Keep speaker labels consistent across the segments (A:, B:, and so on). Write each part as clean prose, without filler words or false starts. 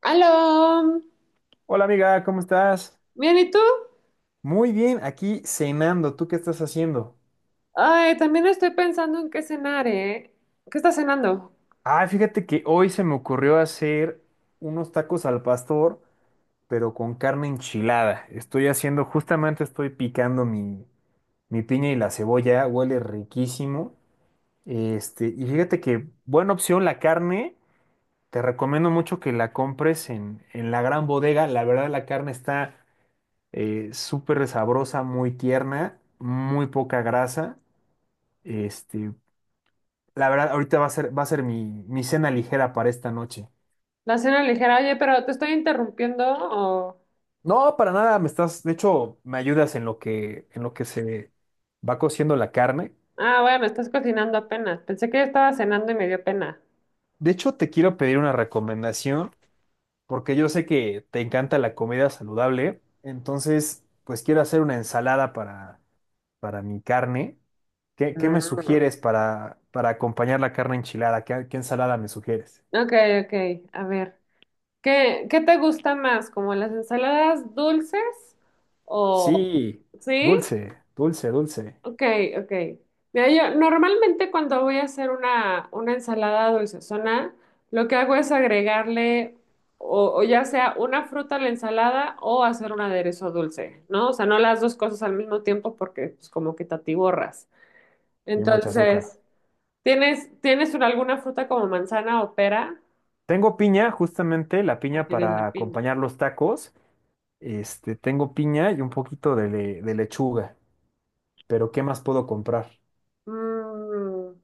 A: Aló,
B: Hola amiga, ¿cómo estás?
A: bien, ¿y tú?
B: Muy bien, aquí cenando. ¿Tú qué estás haciendo?
A: Ay, también estoy pensando en qué cenar, ¿eh? ¿Qué estás cenando?
B: Ah, fíjate que hoy se me ocurrió hacer unos tacos al pastor, pero con carne enchilada. Estoy haciendo, justamente estoy picando mi piña y la cebolla, huele riquísimo. Y fíjate que buena opción la carne. Te recomiendo mucho que la compres en la gran bodega. La verdad, la carne está súper sabrosa, muy tierna, muy poca grasa. Este, La verdad, ahorita va a ser mi cena ligera para esta noche.
A: La cena ligera, oye, pero ¿te estoy interrumpiendo o...?
B: No, para nada, me estás, de hecho, me ayudas en lo que se va cociendo la carne.
A: Ah, bueno, estás cocinando apenas. Pensé que ya estaba cenando y me dio pena.
B: De hecho, te quiero pedir una recomendación, porque yo sé que te encanta la comida saludable. Entonces, pues quiero hacer una ensalada para mi carne. ¿Qué me
A: Mm.
B: sugieres para acompañar la carne enchilada? ¿Qué ensalada me sugieres?
A: Ok, ok, a ver. ¿Qué, qué te gusta más? ¿Como las ensaladas dulces o...?
B: Sí,
A: ¿Sí?
B: dulce, dulce, dulce.
A: Ok, ok. Mira, yo normalmente cuando voy a hacer una ensalada dulcezona, lo que hago es agregarle o ya sea una fruta a la ensalada o hacer un aderezo dulce, ¿no? O sea, no las dos cosas al mismo tiempo porque pues como que te atiborras.
B: Y mucho azúcar.
A: Entonces, ¿alguna fruta como manzana o pera?
B: Tengo piña, justamente la
A: Ah,
B: piña
A: tienes la
B: para
A: piña.
B: acompañar los tacos. Tengo piña y un poquito de lechuga. Pero ¿qué más puedo comprar?
A: Mm.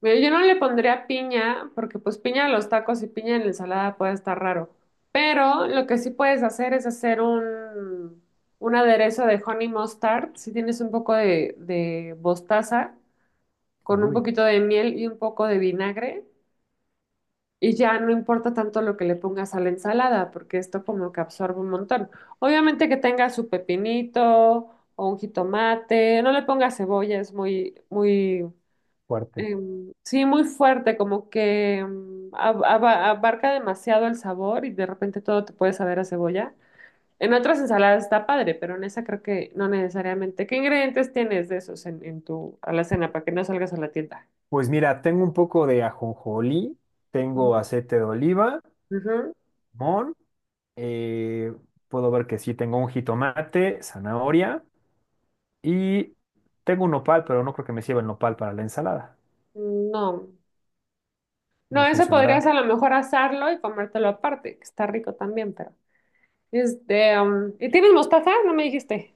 A: Mira, yo no le pondría piña, porque pues piña a los tacos y piña en la ensalada puede estar raro. Pero lo que sí puedes hacer es hacer un aderezo de honey mustard. Si tienes un poco de mostaza, con un
B: Uy,
A: poquito de miel y un poco de vinagre. Y ya no importa tanto lo que le pongas a la ensalada, porque esto como que absorbe un montón. Obviamente que tenga su pepinito o un jitomate. No le pongas cebolla, es muy, muy
B: fuerte.
A: sí, muy fuerte, como que abarca demasiado el sabor y de repente todo te puede saber a cebolla. En otras ensaladas está padre, pero en esa creo que no necesariamente. ¿Qué ingredientes tienes de esos en tu alacena para que no salgas a la tienda?
B: Pues mira, tengo un poco de ajonjolí, tengo
A: Ujú.
B: aceite de oliva,
A: Ujú.
B: limón, eh, puedo ver que sí, tengo un jitomate, zanahoria y tengo un nopal, pero no creo que me sirva el nopal para la ensalada.
A: No,
B: No
A: no, eso podrías a
B: funcionará.
A: lo mejor asarlo y comértelo aparte, que está rico también, pero. Este, ¿y tienes mostaza? No me dijiste.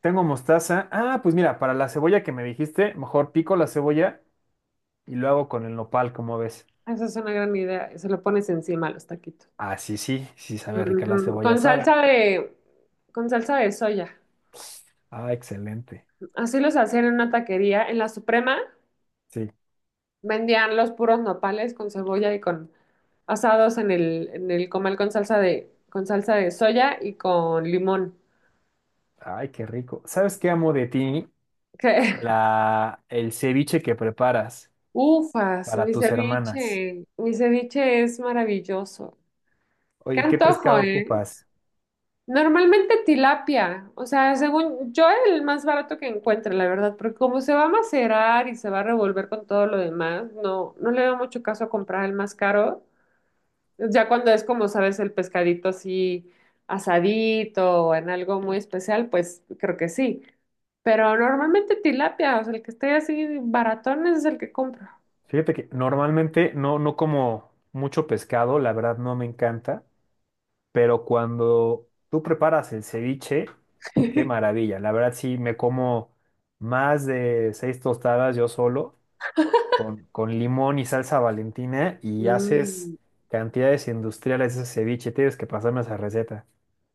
B: Tengo mostaza. Ah, pues mira, para la cebolla que me dijiste, mejor pico la cebolla y lo hago con el nopal, ¿como ves?
A: Esa es una gran idea, se lo pones encima a los taquitos.
B: Ah, sí, sí, sí sabe rica la
A: Ujú,
B: cebolla
A: con salsa
B: asada.
A: con salsa de soya.
B: Ah, excelente.
A: Así los hacían en una taquería. En la Suprema
B: Sí.
A: vendían los puros nopales con cebolla y con asados en en el comal con salsa con salsa de soya y con limón.
B: Ay, qué rico. ¿Sabes qué amo de ti?
A: Que,
B: El ceviche que preparas
A: ufas,
B: para tus hermanas.
A: mi ceviche es maravilloso. Qué
B: Oye, ¿qué
A: antojo,
B: pescado
A: ¿eh?
B: ocupas?
A: Normalmente tilapia, o sea, según yo el más barato que encuentre, la verdad, porque como se va a macerar y se va a revolver con todo lo demás, no, no le veo mucho caso a comprar el más caro. Ya cuando es como, sabes, el pescadito así asadito o en algo muy especial, pues creo que sí. Pero normalmente tilapia, o sea, el que esté así baratón ese es el que compro.
B: Fíjate que normalmente no como mucho pescado, la verdad no me encanta, pero cuando tú preparas el ceviche, qué maravilla. La verdad sí me como más de seis tostadas yo solo con limón y salsa Valentina y haces
A: Mm.
B: cantidades industriales de ese ceviche. Tienes que pasarme esa receta.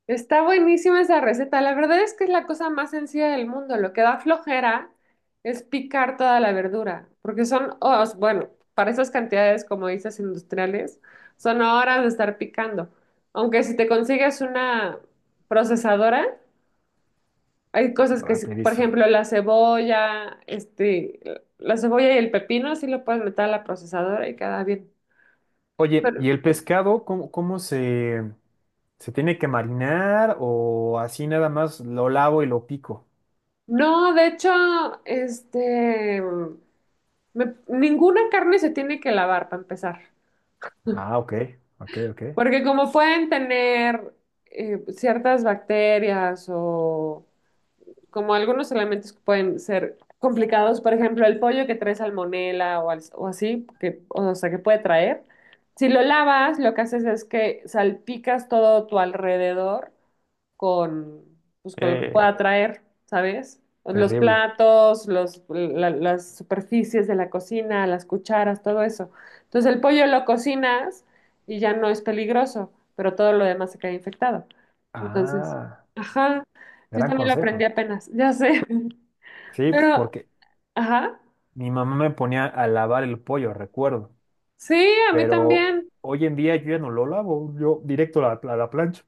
A: Está buenísima esa receta. La verdad es que es la cosa más sencilla del mundo. Lo que da flojera es picar toda la verdura, porque son, bueno, para esas cantidades, como dices, industriales, son horas de estar picando. Aunque si te consigues una procesadora, hay cosas que, sí- por
B: Rapidísimo.
A: ejemplo, la cebolla, este, la cebolla y el pepino, sí lo puedes meter a la procesadora y queda bien.
B: Oye,
A: Pero,
B: ¿y el pescado cómo se tiene que marinar o así nada más lo lavo y lo pico?
A: no, de hecho, este... ninguna carne se tiene que lavar para empezar,
B: Ah, ok, ok, ok.
A: porque como pueden tener ciertas bacterias o, como algunos elementos que pueden ser complicados, por ejemplo, el pollo que trae salmonela o, al- o así, que, o sea, que puede traer. Si lo lavas, lo que haces es que salpicas todo tu alrededor con, pues, con lo que
B: Eh,
A: pueda traer, ¿sabes? Los
B: Terrible.
A: platos, las superficies de la cocina, las cucharas, todo eso. Entonces el pollo lo cocinas y ya no es peligroso, pero todo lo demás se queda infectado. Entonces,
B: Ah,
A: ajá, yo
B: gran
A: también lo aprendí
B: consejo.
A: apenas, ya sé.
B: Sí,
A: Pero,
B: porque
A: ajá.
B: mi mamá me ponía a lavar el pollo, recuerdo,
A: Sí, a mí
B: pero
A: también.
B: hoy en día yo ya no lo lavo, yo directo a la plancha.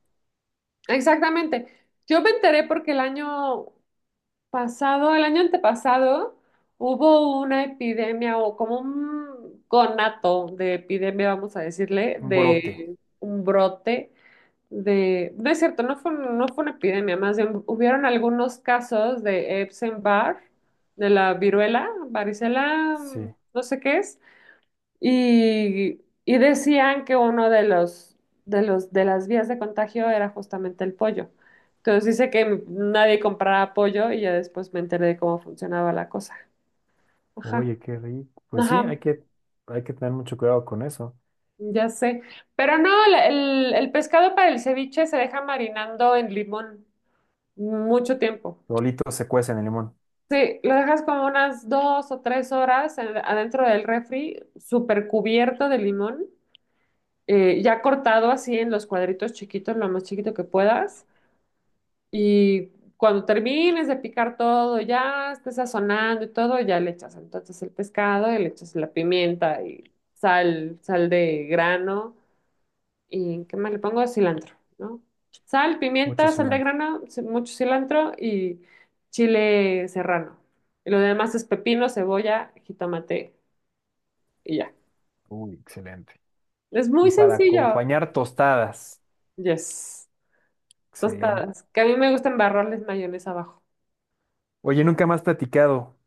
A: Exactamente. Yo me enteré porque el año pasado, el año antepasado, hubo una epidemia o como un conato de epidemia, vamos a decirle,
B: Un brote.
A: de un brote de... No es cierto, no fue una epidemia, más bien hubieron algunos casos de Epstein-Barr, de la viruela, varicela,
B: Sí,
A: no sé qué es. Y decían que uno de de las vías de contagio era justamente el pollo. Entonces dice que nadie compraba pollo y ya después me enteré de cómo funcionaba la cosa. Ajá,
B: oye, qué rico. Pues sí,
A: ajá,
B: hay que tener mucho cuidado con eso.
A: ya sé. Pero no, el pescado para el ceviche se deja marinando en limón mucho tiempo.
B: Solito se cuecen en el limón,
A: Sí, lo dejas como unas dos o tres horas en- adentro del refri, súper cubierto de limón. Ya cortado así en los cuadritos chiquitos, lo más chiquito que puedas. Y cuando termines de picar todo, ya estés sazonando y todo, ya le echas entonces el pescado y le echas la pimienta y sal, sal de grano. ¿Y qué más le pongo? Cilantro, ¿no? Sal,
B: mucho
A: pimienta, sal de
B: cilantro.
A: grano, ci- mucho cilantro y chile serrano. Y lo demás es pepino, cebolla, jitomate y ya.
B: Uy, excelente.
A: Es muy
B: Y para
A: sencillo.
B: acompañar tostadas.
A: Yes.
B: Excelente.
A: Tostadas. Que a mí me gusta embarrarles mayonesa abajo.
B: Oye, nunca más platicado.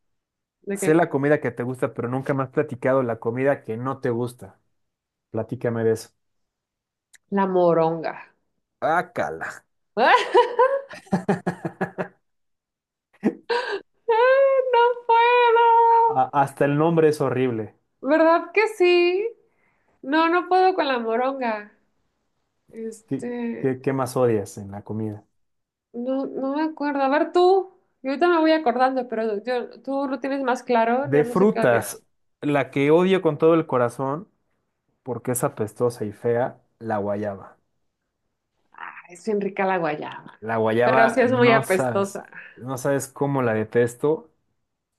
A: ¿De
B: Sé
A: qué?
B: la comida que te gusta, pero nunca más platicado la comida que no te gusta. Platícame de eso.
A: La moronga.
B: Ah, cala.
A: ¡Ah! ¡No puedo!
B: Hasta el nombre es horrible.
A: ¿Verdad que sí? No, no puedo con la moronga.
B: ¿Qué,
A: Este,
B: qué más odias en la comida?
A: no, no me acuerdo. A ver tú. Yo ahorita me voy acordando, pero yo, tú lo tienes más claro. Yo
B: De
A: no sé qué odio.
B: frutas, la que odio con todo el corazón, porque es apestosa y fea, la guayaba.
A: Ay, es bien rica la guayaba,
B: La
A: pero sí
B: guayaba,
A: es muy
B: no sabes,
A: apestosa.
B: no sabes cómo la detesto.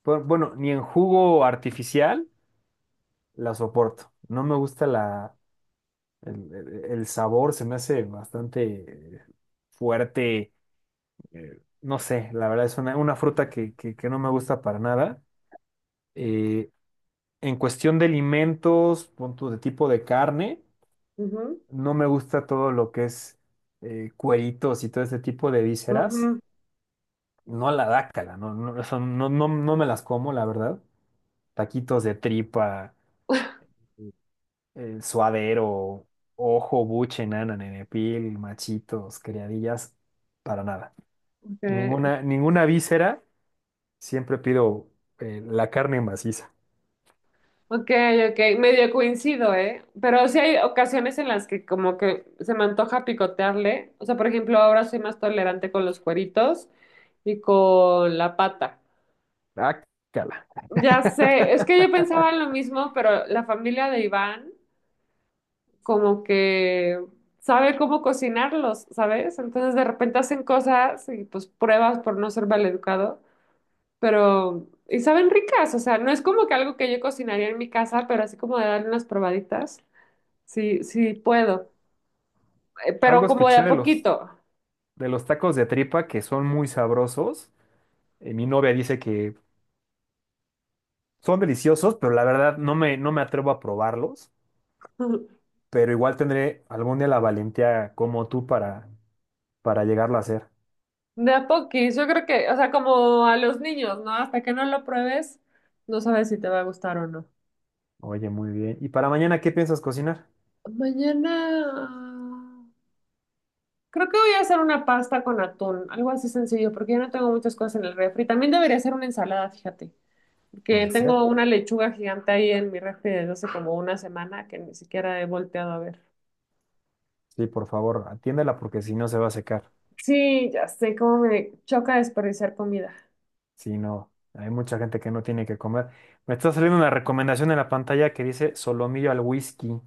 B: Bueno, ni en jugo artificial la soporto. No me gusta el sabor, se me hace bastante eh, fuerte. No sé, la verdad es una fruta que no me gusta para nada. Eh, en cuestión de alimentos, punto de tipo de carne,
A: Ujú,
B: no me gusta todo lo que es cueritos y todo este tipo de vísceras.
A: ujú.
B: No la dácala, no, no, eso no, no, no me las como, la verdad. Taquitos de tripa, suadero, ojo, buche, nana, nenepil, machitos, criadillas, para nada.
A: Ok,
B: Ninguna víscera, siempre pido la carne maciza.
A: ok, ok, medio coincido, ¿eh? Pero sí hay ocasiones en las que como que se me antoja picotearle. O sea, por ejemplo, ahora soy más tolerante con los cueritos y con la pata.
B: Dácala.
A: Ya sé, es que yo pensaba en lo mismo, pero la familia de Iván como que sabe cómo cocinarlos, ¿sabes? Entonces de repente hacen cosas y pues pruebas por no ser maleducado, pero y saben ricas, o sea, no es como que algo que yo cocinaría en mi casa, pero así como de darle unas probaditas. Sí, sí puedo, eh, pero
B: Algo
A: como de
B: escuché
A: a
B: de los,
A: poquito,
B: de los tacos de tripa que son muy sabrosos. Mi novia dice que son deliciosos, pero la verdad no me atrevo a probarlos, pero igual tendré algún día la valentía como tú para llegarlo a hacer.
A: de a poquis, yo creo que, o sea, como a los niños, ¿no? Hasta que no lo pruebes, no sabes si te va a gustar o no.
B: Oye, muy bien. ¿Y para mañana qué piensas cocinar?
A: Mañana, creo que voy a hacer una pasta con atún, algo así sencillo, porque yo no tengo muchas cosas en el refri. También debería hacer una ensalada, fíjate, porque
B: Puede
A: tengo
B: ser.
A: una lechuga gigante ahí en mi refri desde hace como una semana que ni siquiera he volteado a ver.
B: Sí, por favor, atiéndela porque si no se va a secar.
A: Sí, ya sé cómo me choca desperdiciar comida.
B: Si no, hay mucha gente que no tiene que comer. Me está saliendo una recomendación en la pantalla que dice solomillo al whisky.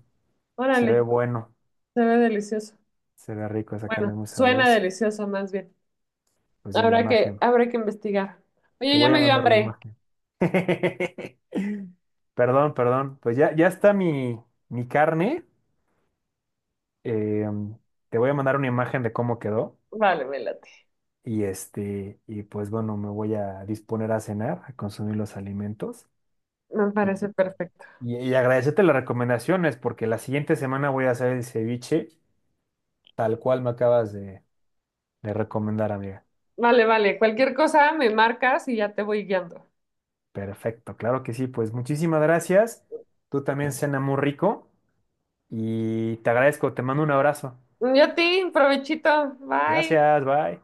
B: Se
A: Órale,
B: ve bueno,
A: se ve delicioso.
B: se ve rico, esa
A: Bueno,
B: carne es muy
A: suena
B: sabrosa.
A: delicioso más bien.
B: Pues ya en la imagen.
A: Habrá que investigar.
B: Te
A: Oye, ya
B: voy a
A: me dio
B: mandar la
A: hambre.
B: imagen. Perdón, perdón. Pues ya está mi carne. Eh, Te voy a mandar una imagen de cómo quedó
A: Vale, me late.
B: y y pues bueno, me voy a disponer a cenar, a consumir los alimentos
A: Me
B: y,
A: parece perfecto.
B: y agradecerte las recomendaciones porque la siguiente semana voy a hacer el ceviche tal cual me acabas de recomendar, amiga.
A: Vale, vale. Cualquier cosa me marcas y ya te voy guiando.
B: Perfecto, claro que sí, pues muchísimas gracias. Tú también cena muy rico y te agradezco, te mando un abrazo.
A: Y a ti, provechito. Bye.
B: Gracias, bye.